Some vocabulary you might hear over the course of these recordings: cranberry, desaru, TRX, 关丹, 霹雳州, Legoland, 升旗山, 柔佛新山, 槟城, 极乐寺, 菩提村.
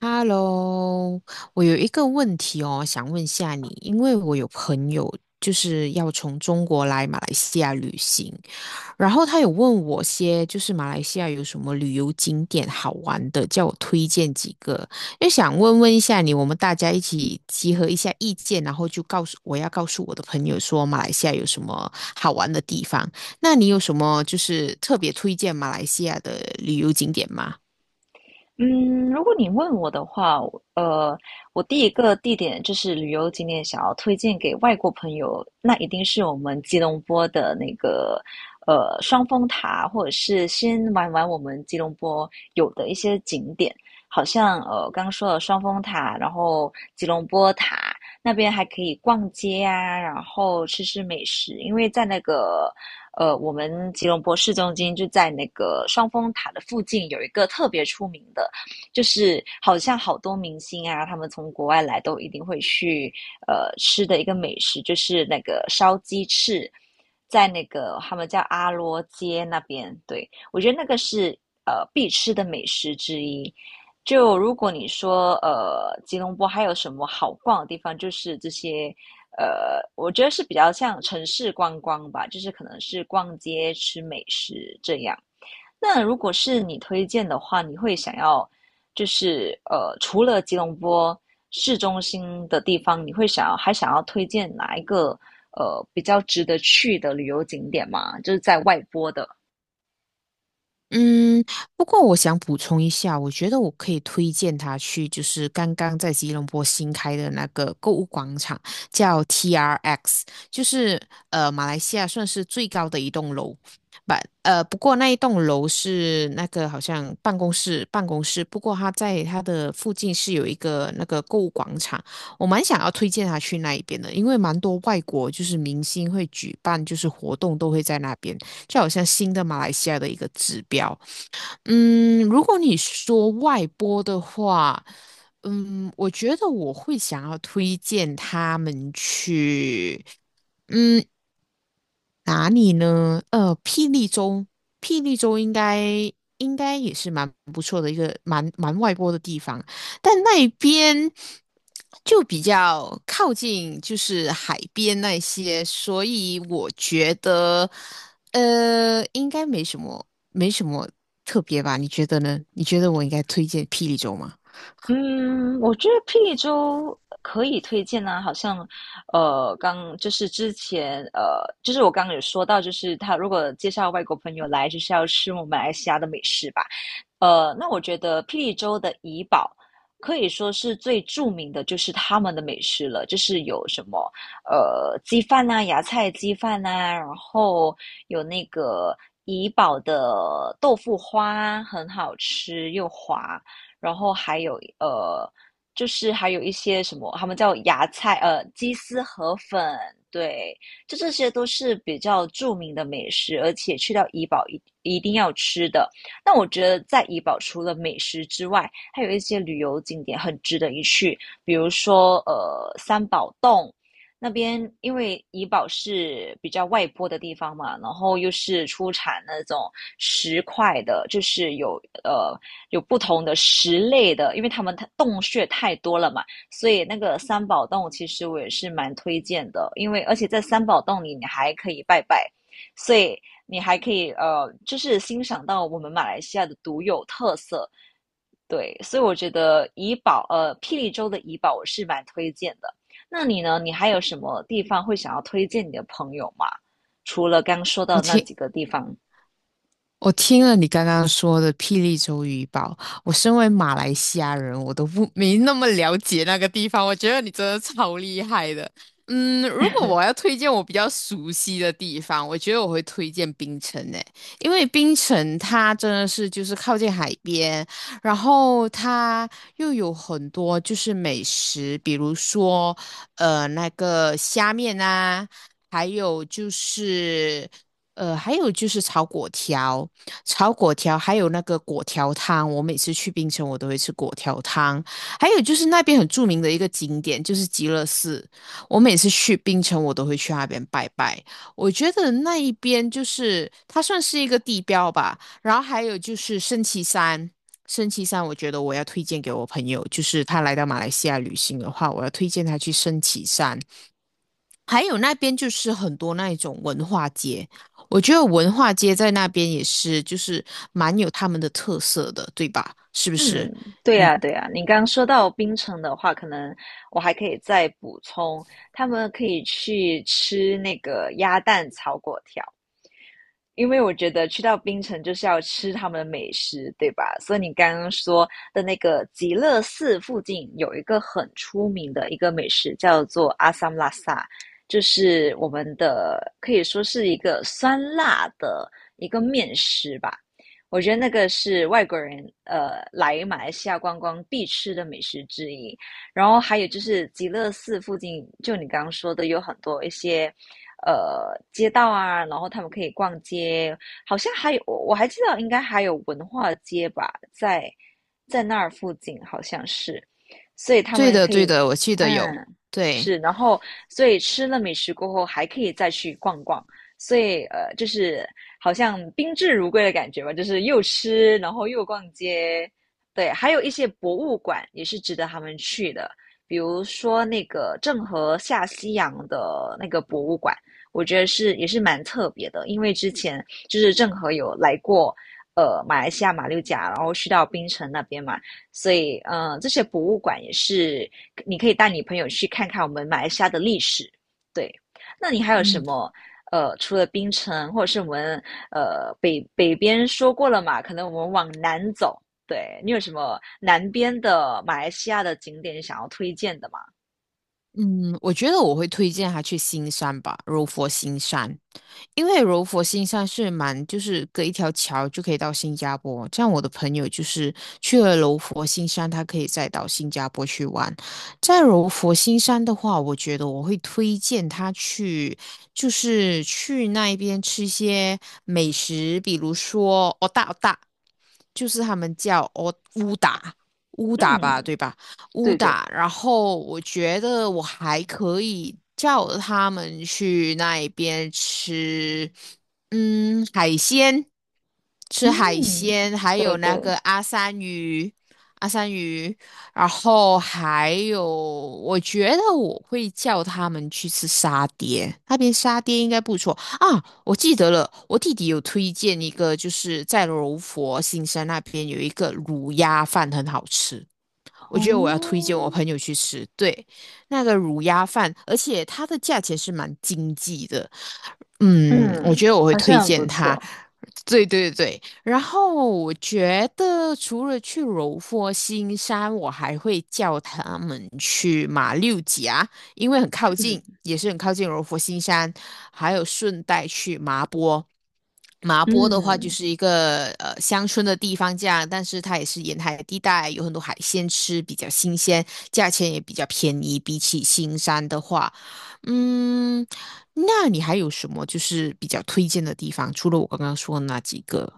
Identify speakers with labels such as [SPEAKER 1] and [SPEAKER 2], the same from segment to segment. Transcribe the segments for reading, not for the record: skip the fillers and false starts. [SPEAKER 1] Hello，我有一个问题哦，想问下你，因为我有朋友就是要从中国来马来西亚旅行，然后他有问我些就是马来西亚有什么旅游景点好玩的，叫我推荐几个，也想问问一下你，我们大家一起集合一下意见，然后就告诉我要告诉我的朋友说马来西亚有什么好玩的地方，那你有什么就是特别推荐马来西亚的旅游景点吗？
[SPEAKER 2] 嗯，如果你问我的话，我第一个地点就是旅游景点，想要推荐给外国朋友，那一定是我们吉隆坡的那个双峰塔，或者是先玩玩我们吉隆坡有的一些景点。好像刚刚说了双峰塔，然后吉隆坡塔那边还可以逛街啊，然后吃吃美食。因为在那个，我们吉隆坡市中心就在那个双峰塔的附近，有一个特别出名的，就是好像好多明星啊，他们从国外来都一定会去吃的一个美食，就是那个烧鸡翅，在那个他们叫阿罗街那边。对，我觉得那个是必吃的美食之一。就如果你说吉隆坡还有什么好逛的地方，就是这些。我觉得是比较像城市观光吧，就是可能是逛街吃美食这样。那如果是你推荐的话，你会想要就是，除了吉隆坡市中心的地方，你会想要还想要推荐哪一个比较值得去的旅游景点吗？就是在外坡的。
[SPEAKER 1] 嗯，不过我想补充一下，我觉得我可以推荐他去，就是刚刚在吉隆坡新开的那个购物广场，叫 TRX，就是马来西亚算是最高的一栋楼，不不过那一栋楼是那个好像办公室办公室，不过它在它的附近是有一个那个购物广场，我蛮想要推荐他去那一边的，因为蛮多外国就是明星会举办就是活动都会在那边。就好像新的马来西亚的一个指标。嗯，如果你说外播的话，嗯，我觉得我会想要推荐他们去。嗯，哪里呢？呃，霹雳州，霹雳州应该应该也是蛮不错的一个蛮外播的地方，但那边就比较靠近就是海边那些，所以我觉得应该没什么特别吧？你觉得呢？你觉得我应该推荐霹雳州吗？
[SPEAKER 2] 嗯，我觉得霹雳州可以推荐啊。好像，刚就是之前，就是我刚刚有说到，就是他如果介绍外国朋友来，就是要吃我们马来西亚的美食吧。那我觉得霹雳州的怡保可以说是最著名的，就是他们的美食了。就是有什么鸡饭呐、芽菜鸡饭呐，然后有那个怡保的豆腐花很好吃又滑，然后还有就是还有一些什么，他们叫芽菜鸡丝河粉。对，就这些都是比较著名的美食，而且去到怡宝一定要吃的。那我觉得在怡保除了美食之外，还有一些旅游景点很值得一去，比如说三宝洞。那边因为怡保是比较外坡的地方嘛，然后又是出产那种石块的，就是有不同的石类的，因为他们洞穴太多了嘛，所以那个三宝洞其实我也是蛮推荐的。因为而且在三宝洞里你还可以拜拜，所以你还可以就是欣赏到我们马来西亚的独有特色。对，所以我觉得霹雳州的怡保我是蛮推荐的。那你呢？你还有什么地方会想要推荐你的朋友吗？除了刚说
[SPEAKER 1] 我
[SPEAKER 2] 到那
[SPEAKER 1] 听
[SPEAKER 2] 几个地方。
[SPEAKER 1] 我听了你刚刚说的霹雳州渔堡，我身为马来西亚人，我都不没那么了解那个地方。我觉得你真的超厉害的。嗯，如果我要推荐我比较熟悉的地方，我觉得我会推荐槟城诶，因为槟城它真的是就是靠近海边，然后它又有很多就是美食，比如说那个虾面啊，还有就是。还有就是炒粿条，还有那个粿条汤。我每次去槟城，我都会吃粿条汤。还有就是那边很著名的一个景点，就是极乐寺。我每次去槟城，我都会去那边拜拜。我觉得那一边就是它算是一个地标吧。然后还有就是升旗山，我觉得我要推荐给我朋友，就是他来到马来西亚旅行的话，我要推荐他去升旗山。还有那边就是很多那一种文化街，我觉得文化街在那边也是，就是蛮有他们的特色的，对吧？是不是？
[SPEAKER 2] 嗯，对呀，对呀。你刚刚说到槟城的话，可能我还可以再补充，他们可以去吃那个鸭蛋炒粿条。因为我觉得去到槟城就是要吃他们的美食，对吧？所以你刚刚说的那个极乐寺附近有一个很出名的一个美食，叫做阿萨姆拉萨，就是我们的可以说是一个酸辣的一个面食吧。我觉得那个是外国人来马来西亚观光必吃的美食之一。然后还有就是极乐寺附近，就你刚刚说的，有很多一些街道啊，然后他们可以逛街。好像还有我还记得应该还有文化街吧，在在那儿附近好像是，所以他
[SPEAKER 1] 对
[SPEAKER 2] 们
[SPEAKER 1] 的，
[SPEAKER 2] 可以
[SPEAKER 1] 对的，我记得有。
[SPEAKER 2] 嗯
[SPEAKER 1] 对，
[SPEAKER 2] 是。然后所以吃了美食过后还可以再去逛逛。所以就是好像宾至如归的感觉吧，就是又吃，然后又逛街。对，还有一些博物馆也是值得他们去的，比如说那个郑和下西洋的那个博物馆，我觉得是也是蛮特别的。因为之前就是郑和有来过马来西亚马六甲，然后去到槟城那边嘛，所以这些博物馆也是你可以带你朋友去看看我们马来西亚的历史。对，那你还有什
[SPEAKER 1] 嗯
[SPEAKER 2] 么？除了槟城，或者是我们北边说过了嘛，可能我们往南走。对，你有什么南边的马来西亚的景点想要推荐的吗？
[SPEAKER 1] 嗯，我觉得我会推荐他去新山吧，柔佛新山。因为柔佛新山是蛮，就是隔一条桥就可以到新加坡。这样我的朋友就是去了柔佛新山，他可以再到新加坡去玩。在柔佛新山的话，我觉得我会推荐他去，就是去那一边吃一些美食，比如说哦大哦大，就是他们叫哦乌达吧，
[SPEAKER 2] 嗯，
[SPEAKER 1] 对吧？乌
[SPEAKER 2] 对对。
[SPEAKER 1] 达，然后我觉得我还可以叫他们去那边吃，嗯，海鲜。吃海
[SPEAKER 2] 嗯，
[SPEAKER 1] 鲜，还
[SPEAKER 2] 对
[SPEAKER 1] 有那
[SPEAKER 2] 对。
[SPEAKER 1] 个阿三鱼，然后还有，我觉得我会叫他们去吃沙爹，那边沙爹应该不错啊。我记得了，我弟弟有推荐一个，就是在柔佛新山那边有一个卤鸭饭很好吃，我
[SPEAKER 2] 哦，
[SPEAKER 1] 觉得我要推荐我朋友去吃。对，那个卤鸭饭，而且它的价钱是蛮经济的。嗯，我
[SPEAKER 2] 嗯，
[SPEAKER 1] 觉得我会
[SPEAKER 2] 好
[SPEAKER 1] 推
[SPEAKER 2] 像很不
[SPEAKER 1] 荐它。
[SPEAKER 2] 错。
[SPEAKER 1] 对对对，然后我觉得除了去柔佛新山，我还会叫他们去马六甲，因为很靠近，
[SPEAKER 2] 嗯
[SPEAKER 1] 也是很靠近柔佛新山，还有顺带去麻波，麻波的话就
[SPEAKER 2] 嗯。
[SPEAKER 1] 是一个乡村的地方，这样，但是它也是沿海地带，有很多海鲜吃，比较新鲜，价钱也比较便宜，比起新山的话，嗯。那你还有什么就是比较推荐的地方？除了我刚刚说的那几个？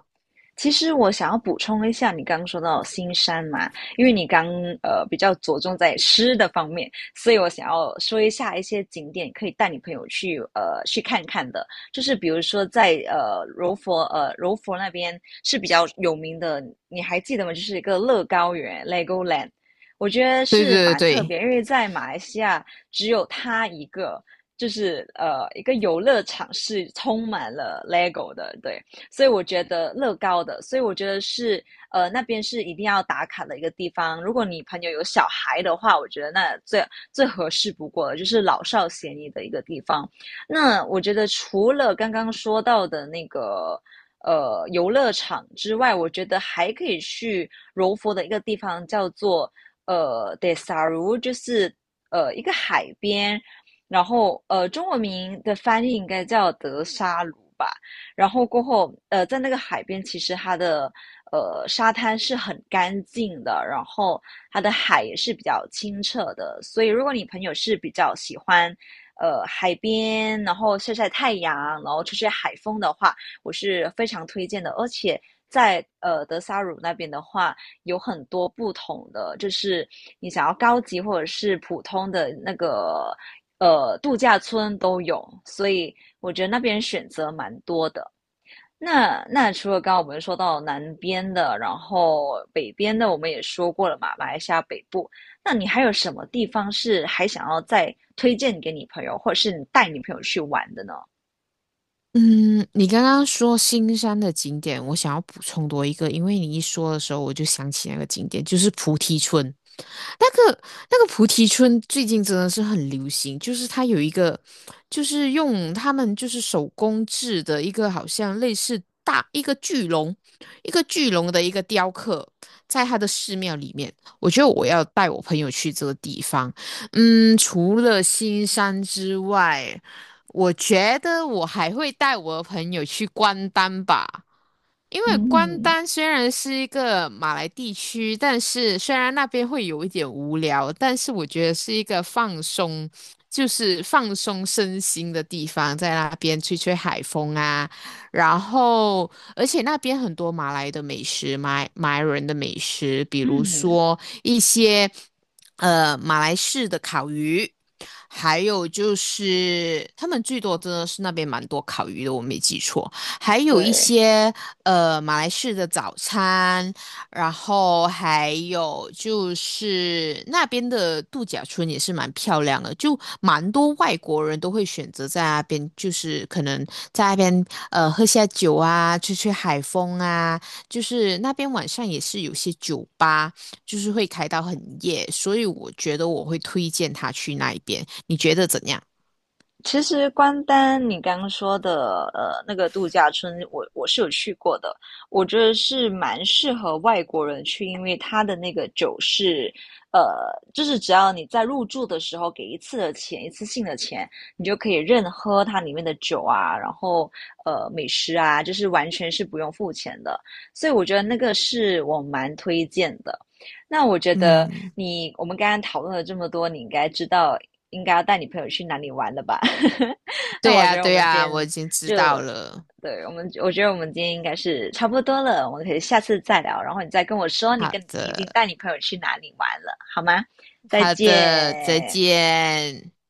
[SPEAKER 2] 其实我想要补充一下，你刚刚说到新山嘛。因为你刚比较着重在吃的方面，所以我想要说一下一些景点可以带你朋友去看看的。就是比如说在柔佛那边是比较有名的，你还记得吗？就是一个乐高园 （(Legoland),我觉得
[SPEAKER 1] 对
[SPEAKER 2] 是
[SPEAKER 1] 对对
[SPEAKER 2] 蛮特
[SPEAKER 1] 对，
[SPEAKER 2] 别，因为在马来西亚只有它一个。就是一个游乐场是充满了 LEGO 的。对，所以我觉得乐高的，所以我觉得是那边是一定要打卡的一个地方。如果你朋友有小孩的话，我觉得那最合适不过了，就是老少咸宜的一个地方。那我觉得除了刚刚说到的那个，游乐场之外，我觉得还可以去柔佛的一个地方，叫做Desaru 就是一个海边，然后中文名的翻译应该叫德沙鲁吧。然后过后，在那个海边，其实它的沙滩是很干净的，然后它的海也是比较清澈的。所以，如果你朋友是比较喜欢海边，然后晒晒太阳，然后吹吹海风的话，我是非常推荐的。而且在德萨鲁那边的话，有很多不同的，就是你想要高级或者是普通的那个,度假村都有，所以我觉得那边选择蛮多的。那那除了刚刚我们说到南边的，然后北边的我们也说过了嘛，马来西亚北部。那你还有什么地方是还想要再推荐给你朋友，或者是你带你朋友去玩的呢？
[SPEAKER 1] 嗯，你刚刚说新山的景点，我想要补充多一个，因为你一说的时候，我就想起那个景点，就是菩提村。那个那个菩提村最近真的是很流行，就是它有一个，就是用他们就是手工制的一个好像类似大一个一个巨龙的一个雕刻，在它的寺庙里面。我觉得我要带我朋友去这个地方。嗯，除了新山之外，我觉得我还会带我的朋友去关丹吧。因为关
[SPEAKER 2] 嗯。
[SPEAKER 1] 丹虽然是一个马来地区，但是虽然那边会有一点无聊，但是我觉得是一个就是放松身心的地方，在那边吹吹海风啊，然后而且那边很多马来的美食，马来人的美食，比如
[SPEAKER 2] 嗯。
[SPEAKER 1] 说一些马来式的烤鱼，还有就是他们最多真的是那边蛮多烤鱼的，我没记错。还有一
[SPEAKER 2] 对，
[SPEAKER 1] 些马来式的早餐，然后还有就是那边的度假村也是蛮漂亮的，就蛮多外国人都会选择在那边，就是可能在那边喝下酒啊，吹吹海风啊，就是那边晚上也是有些酒吧，就是会开到很夜，所以我觉得我会推荐他去那一边，你觉得怎样？
[SPEAKER 2] 其实关丹，你刚刚说的那个度假村，我是有去过的，我觉得是蛮适合外国人去。因为它的那个酒是，呃，就是只要你在入住的时候给一次的钱，一次性的钱，你就可以任喝它里面的酒啊，然后美食啊，就是完全是不用付钱的，所以我觉得那个是我蛮推荐的。那我觉得
[SPEAKER 1] 嗯，
[SPEAKER 2] 你，我们刚刚讨论了这么多，你应该知道应该要带你朋友去哪里玩了吧？那
[SPEAKER 1] 对
[SPEAKER 2] 我觉
[SPEAKER 1] 呀，
[SPEAKER 2] 得我
[SPEAKER 1] 对
[SPEAKER 2] 们今
[SPEAKER 1] 呀，我已
[SPEAKER 2] 天
[SPEAKER 1] 经知
[SPEAKER 2] 就，
[SPEAKER 1] 道了。
[SPEAKER 2] 对，我觉得我们今天应该是差不多了，我们可以下次再聊，然后你再跟我说你
[SPEAKER 1] 好
[SPEAKER 2] 跟你已经
[SPEAKER 1] 的，
[SPEAKER 2] 带你朋友去哪里玩了，好吗？再
[SPEAKER 1] 好的，再
[SPEAKER 2] 见。
[SPEAKER 1] 见。